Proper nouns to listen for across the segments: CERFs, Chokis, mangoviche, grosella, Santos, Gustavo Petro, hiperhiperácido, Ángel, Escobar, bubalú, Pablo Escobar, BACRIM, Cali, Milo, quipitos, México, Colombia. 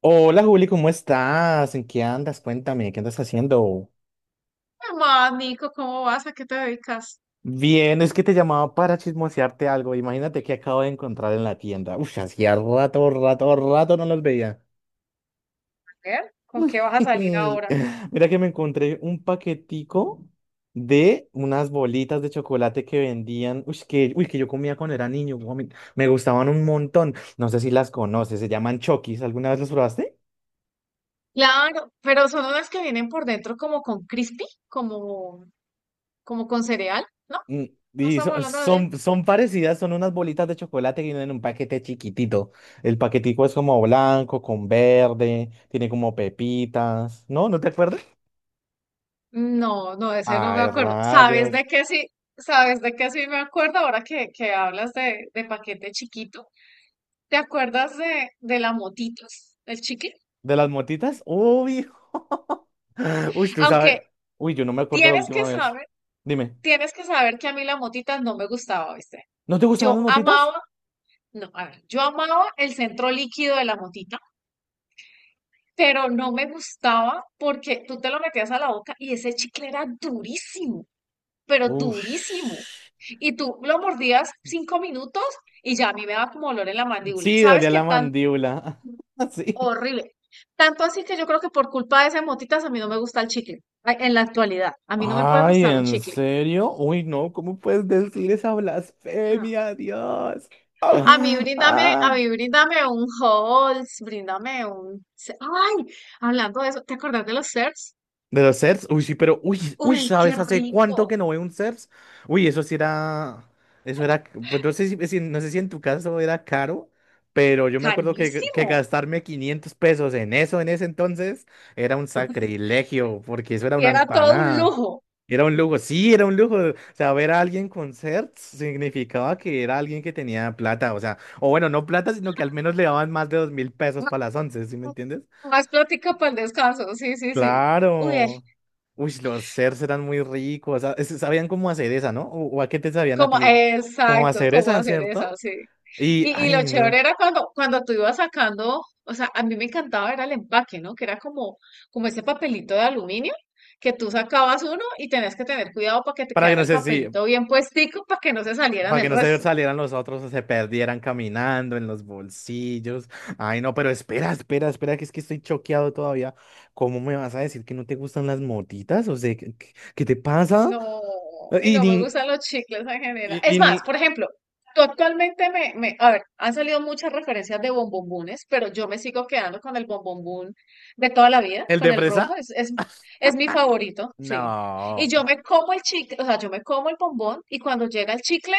Hola Juli, ¿cómo estás? ¿En qué andas? Cuéntame, ¿qué andas haciendo? Mamá, Nico, ¿cómo vas? ¿A qué te dedicas? Bien, es que te llamaba para chismosearte algo. Imagínate que acabo de encontrar en la tienda. Uf, hacía rato no los veía. ¿Con qué vas a salir ahora? Mira que me encontré un paquetico de unas bolitas de chocolate que vendían, uy, que yo comía cuando era niño. Guau, me gustaban un montón. No sé si las conoces, se llaman Chokis. ¿Alguna vez las probaste? Claro, pero son unas que vienen por dentro como con crispy, como con cereal, ¿no? Mm. ¿No Y estamos so- hablando de lo mismo? son, son parecidas, son unas bolitas de chocolate que vienen en un paquete chiquitito. El paquetico es como blanco, con verde, tiene como pepitas. ¿No? ¿No te acuerdas? No, no, de ese no me Ay, acuerdo. ¿Sabes rayos. de qué sí? ¿Sabes de qué sí me acuerdo ahora que hablas de paquete chiquito? ¿Te acuerdas de la motitos, del chicle? ¿De las motitas? Uy. Uy, tú sabes. Aunque Uy, yo no me acuerdo la tienes que última vez. saber, Dime, tienes que saber que a mí la motita no me gustaba, ¿viste? ¿no te gustaban las Yo motitas? amaba No, a ver, yo amaba el centro líquido de la motita, pero no me gustaba porque tú te lo metías a la boca y ese chicle era durísimo, pero durísimo. Ush. Y tú lo mordías 5 minutos y ya a mí me daba como olor en la mandíbula. Sí, ¿Sabes dolía qué la tan mandíbula. Sí. horrible? Tanto así que yo creo que por culpa de esas motitas a mí no me gusta el chicle. Ay, en la actualidad, a mí no me puede Ay, gustar un ¿en chicle. serio? Uy, no, ¿cómo puedes decir esa Ah, blasfemia, Dios? A mí Ah, bríndame, a ah. mí bríndame un Halls, bríndame un. Ay, hablando de eso, ¿te acordás de los CERS? De los CERFs, uy, sí, pero, uy, Uy, qué ¿sabes hace cuánto que rico, no veo un CERFs? Uy, eso era, pues no sé si en tu caso era caro, pero yo me acuerdo que carísimo. gastarme 500 pesos en eso en ese entonces era un sacrilegio, porque eso era Y una era todo un empanada, lujo. era un lujo, sí, era un lujo, o sea, ver a alguien con CERFs significaba que era alguien que tenía plata, o sea, o bueno, no plata, sino que al menos le daban más de 2000 pesos para las once, ¿sí me entiendes? Más plática para el descanso, sí, sí, sí. Uy, Claro. Uy, los CERs eran muy ricos. Sabían cómo hacer esa, ¿no? ¿O a qué te sabían a ti? Como exacto, hacer cómo esa, hacer esa, ¿cierto? sí. Y Y lo ay, no. chévere era cuando tú ibas sacando, o sea, a mí me encantaba era el empaque, ¿no? Que era como ese papelito de aluminio, que tú sacabas uno y tenías que tener cuidado para que te Para que quedara no el se, si, papelito bien puestico para que no se salieran para que el no se resto. salieran los otros o se perdieran caminando en los bolsillos. Ay, no, pero espera, que es que estoy choqueado todavía. ¿Cómo me vas a decir que no te gustan las motitas? O sea, ¿qué te pasa? No, y Y no me ni, gustan los chicles en general. Es y más, ni, por ejemplo, tú actualmente a ver, han salido muchas referencias de bombombones, pero yo me sigo quedando con el bombombón de toda la vida, ¿el de con el rojo, fresa? es mi favorito, sí. Y No. yo O me como el chicle, o sea, yo me como el bombón y cuando llega el chicle,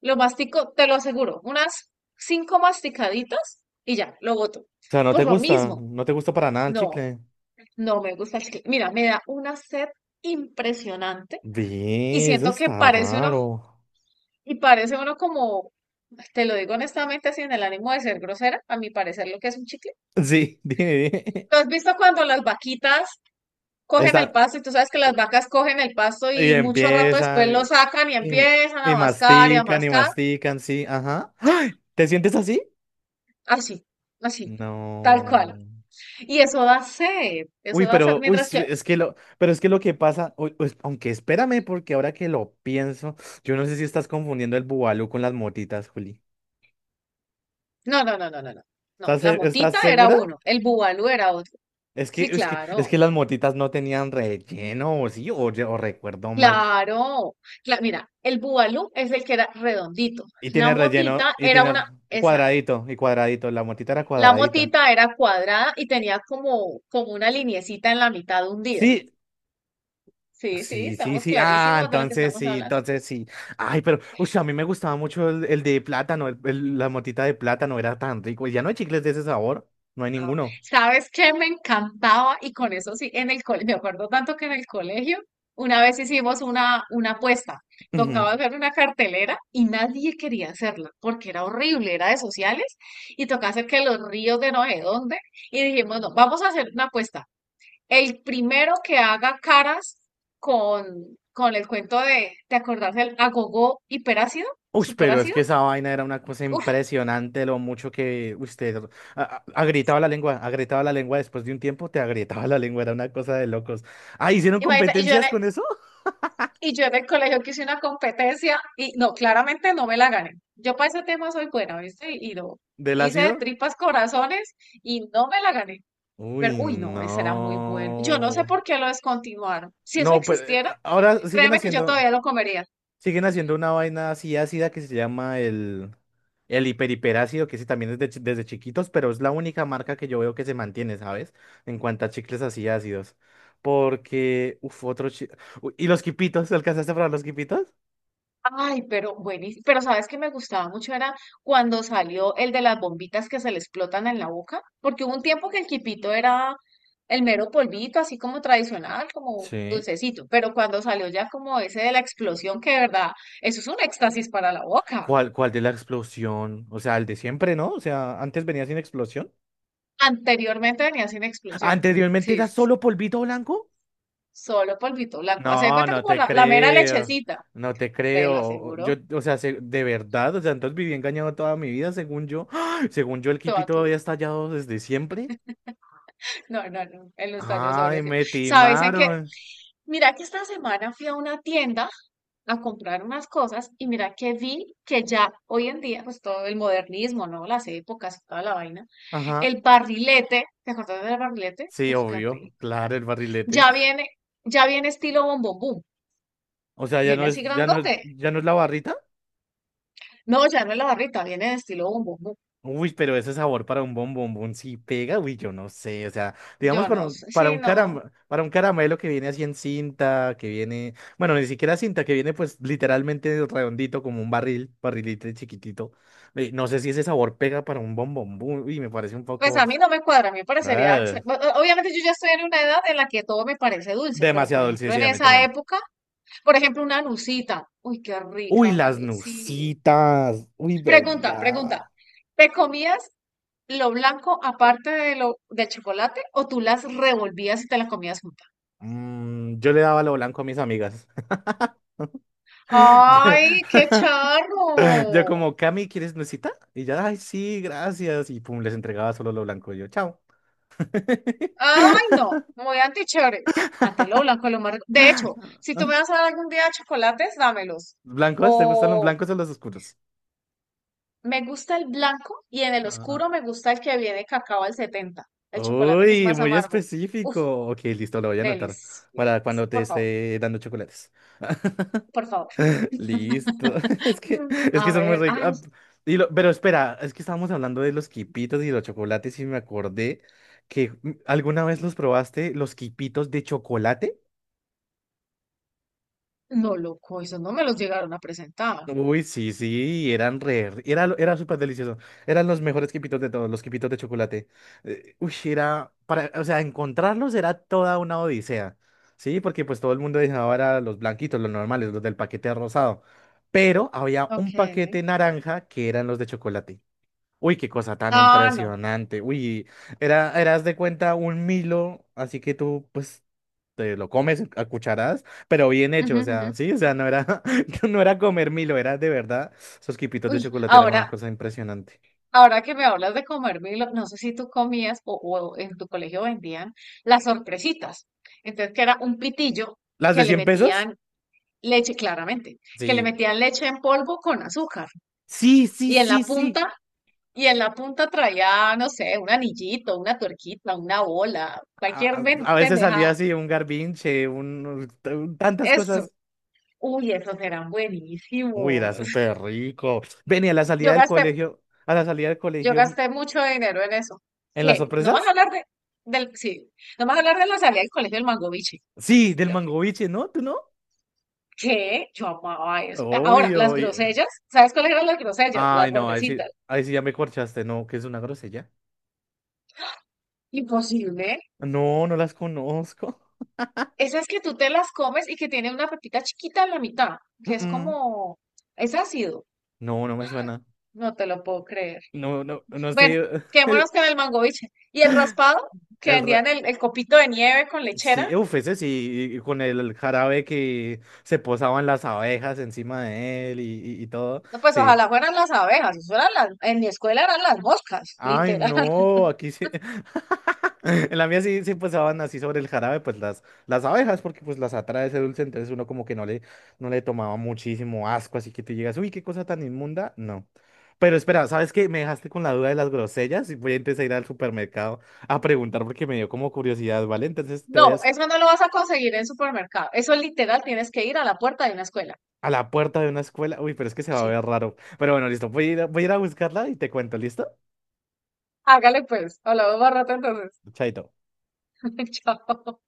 lo mastico, te lo aseguro, unas 5 masticaditas y ya, lo boto. sea, no te Por lo gusta, mismo, no te gusta para nada el no, chicle. no me gusta el chicle. Mira, me da una sed impresionante y Ve, eso siento que está parece uno, raro. y parece uno como, te lo digo honestamente, sin el ánimo de ser grosera, a mi parecer lo que es un chicle. Sí, dime. ¿Tú has visto cuando las vaquitas cogen Están, el pasto y tú sabes que las vacas cogen el pasto y y mucho rato después empiezan, lo sacan y y- empiezan y a mascar y a mastican, mascar? Sí, ajá. ¡Ay! ¿Te sientes así? Así, así, tal cual. No. Y eso da sed, eso Uy, da sed. pero, uy, Mientras es que, es que lo, pero es que lo que pasa, uy, pues, aunque espérame, porque ahora que lo pienso, yo no sé si estás confundiendo el bubalú con las motitas, Juli. no, no, no, no, no, no. No, ¿Estás, la se- estás motita era segura? uno, el bubalú era otro. Es que, Sí, es que, es claro. que las motitas no tenían relleno, o sí, o recuerdo mal. Claro, mira, el bubalú es el que era redondito. Y La tiene relleno, motita y era tiene una, esa, cuadradito, y cuadradito, la motita era la cuadradita. motita era cuadrada y tenía como una liniecita en la mitad hundida. Sí, Sí, sí, sí, sí, estamos sí. Ah, clarísimos de lo que entonces estamos sí, hablando. entonces sí. Ay, pero, uy, a mí me gustaba mucho el de plátano, la motita de plátano era tan rico. Ya no hay chicles de ese sabor, no hay Ah, ninguno. ¿sabes qué me encantaba? Y con eso sí, en el colegio, me acuerdo tanto que en el colegio una vez hicimos una apuesta. Ujú. Tocaba hacer una cartelera y nadie quería hacerla porque era horrible, era de sociales y tocaba hacer que los ríos de no sé dónde. Y dijimos, no, vamos a hacer una apuesta. El primero que haga caras con el cuento de, ¿te acordás del agogó hiperácido? Uy, pero es ¿Superácido? que esa vaina era una cosa Uf, impresionante, lo mucho que usted agrietaba la lengua después de un tiempo, te agrietaba la lengua, era una cosa de locos. Ah, ¿hicieron imagínate, y yo, competencias con eso? Y yo en el colegio que hice una competencia y no, claramente no me la gané. Yo para ese tema soy buena, ¿viste? Y no, ¿Del hice de ácido? tripas corazones y no me la gané. Pero, Uy, uy, no, ese era muy bueno. Yo no sé no. por qué lo descontinuaron. Si eso No, pero existiera, ahora siguen créeme que yo haciendo, todavía lo comería. siguen haciendo una vaina así ácida que se llama el hiperhiperácido, que ese también es desde chiquitos, pero es la única marca que yo veo que se mantiene, ¿sabes? En cuanto a chicles así ácidos. Porque, uff, Uy, ¿y los quipitos? ¿Alcanzaste a probar los quipitos? Ay, pero buenísimo. Pero sabes que me gustaba mucho era cuando salió el de las bombitas que se le explotan en la boca, porque hubo un tiempo que el quipito era el mero polvito, así como tradicional, como Sí. dulcecito, pero cuando salió ya como ese de la explosión, que de verdad, eso es un éxtasis para la boca. ¿Cuál de la explosión? O sea, el de siempre, ¿no? O sea, antes venía sin explosión. Anteriormente venía sin explosión. Anteriormente Sí, era sí, sí. solo polvito blanco. Solo polvito blanco. Hace de No, cuenta no como te la mera creo, lechecita, no te te lo creo. Yo, aseguro, o sea, de verdad, o sea, entonces viví engañado toda mi vida, según yo. ¡Ah! Según yo, el kipi toda tu todavía vida. está hallado desde siempre. No, no, no. El nostalgia Ay, sobre sí. me ¿Sabes en qué? timaron. Mira que esta semana fui a una tienda a comprar unas cosas y mira que vi que ya hoy en día, pues todo el modernismo, ¿no? Las épocas y toda la vaina. Ajá, El barrilete, ¿te acordás del barrilete? sí, Uf, qué obvio, rico. claro, el barrilete. Ya viene, ya viene estilo bombombum. O sea, Viene así grandote. ya no es la barrita. No, ya no es la barrita, viene de estilo bombombum. Uy, pero ese sabor para un bombombón sí pega, uy, yo no sé, o sea, digamos Yo no sé, sí, no. Para un caramelo que viene así en cinta, que viene, bueno, ni siquiera cinta, que viene pues literalmente redondito como un barril, barrilito chiquitito. Eh, no sé si ese sabor pega para un bombombón, uy, me parece un Pues poco a mí no me cuadra, a mí me parecería... ah, obviamente yo ya estoy en una edad en la que todo me parece dulce, pero por demasiado dulce, ejemplo en sí, a mí esa también. época. Por ejemplo, una nucita. Uy, qué Uy, rica una las nucita. nusitas, uy, Pregunta, verdad. pregunta. ¿Te comías lo blanco aparte de lo del chocolate o tú las revolvías y te las comías juntas? Mm, yo le daba lo blanco a mis amigas. Yo- ¡Ay, qué Yo charro! como, Cami, ¿quieres nuecita? Y ya, ay, sí, gracias. Y pum, les entregaba solo lo blanco. Y yo, chao. ¡Ay, no! Muy antichévere. Antes lo blanco es lo más rico. De hecho, si tú me vas a dar algún día chocolates, dámelos. ¿Blancos? ¿Te gustan los O blancos o los oscuros? me gusta el blanco y en el Ah, oscuro me gusta el que viene cacao al 70, el chocolate que es uy, más muy amargo. Uf, específico. Ok, listo, lo voy a anotar para deliciosos. cuando te Por favor, esté dando chocolates. por favor. Listo. Es que, es que A son muy ver, ricos. ay, Ah, pero espera, es que estábamos hablando de los quipitos y los chocolates y me acordé que mm, alguna vez los probaste, los quipitos de chocolate. no, loco, esos no me los llegaron a presentar. Uy, sí, sí, era súper delicioso. Eran los mejores quipitos de todos, los quipitos de chocolate. Uy, era, para, o sea, encontrarlos era toda una odisea, ¿sí? Porque pues todo el mundo dejaba era los blanquitos, los normales, los del paquete rosado. Pero había un Ok. paquete naranja que eran los de chocolate. Uy, qué cosa tan Ah, no. impresionante. Uy, era, eras de cuenta un Milo, así que tú, pues, te lo comes a cucharadas, pero bien hecho, Ujú, o ujú. sea, sí, o sea, no era, no era comer Milo, era de verdad, esos quipitos de Uy, chocolate eran una ahora, cosa impresionante. ahora que me hablas de comer Milo, no sé si tú comías o en tu colegio vendían las sorpresitas. Entonces, que era un pitillo ¿Las que de le 100 pesos? metían leche, claramente, que le Sí. metían leche en polvo con azúcar. Sí, sí, Y en la sí, sí. punta, y en la punta traía, no sé, un anillito, una tuerquita, una bola, A, cualquier a- a veces salía pendejada. así un garbinche, tantas Eso. cosas. Uy, esos eran Uy, era buenísimos. súper rico. Venía a la salida Yo del gasté, colegio, a la salida del yo colegio, mm, gasté mucho dinero en eso. ¿en las ¿Qué? No vas a sorpresas? hablar de, del, Sí, no vas a hablar de la salida del colegio del Mango Biche. Uf, Sí, del qué rico. mangoviche, ¿no? ¿Tú no? ¿Qué? Yo amaba eso. Ahora, las Obvio. Grosellas, ¿sabes cuáles eran las grosellas? Las Ay, no, ahí sí, verdecitas. ahí sí ya me corchaste, no, que es una grosella. Imposible. No, no las conozco. Esas que tú te las comes y que tienen una pepita chiquita en la mitad, que es Mm. como, es ácido. No, no me suena. No te lo puedo creer. No, no, no Bueno, sé. quedémonos con el mangoviche. Y el raspado, que El vendían ra- el copito de nieve con lechera. sí, uf, ese sí, con el jarabe que se posaban las abejas encima de él y, y todo. No, pues Sí, ojalá fueran las abejas, eso eran las, en mi escuela eran las moscas, ay, literal. no, aquí sí. En la mía sí, sí pasaban así sobre el jarabe, pues las abejas, porque pues las atrae ese dulce, entonces uno como que no le, no le tomaba muchísimo asco, así que te llegas, uy, qué cosa tan inmunda, no. Pero espera, ¿sabes qué? Me dejaste con la duda de las grosellas y voy a empezar a ir al supermercado a preguntar porque me dio como curiosidad, ¿vale? Entonces te No, vayas eso no lo vas a conseguir en supermercado. Eso literal tienes que ir a la puerta de una escuela. a la puerta de una escuela, uy, pero es que se va a Sí. ver raro. Pero bueno, listo, voy a ir a buscarla y te cuento, ¿listo? Hágale pues. Hablamos más rato entonces. Chaito. Chao.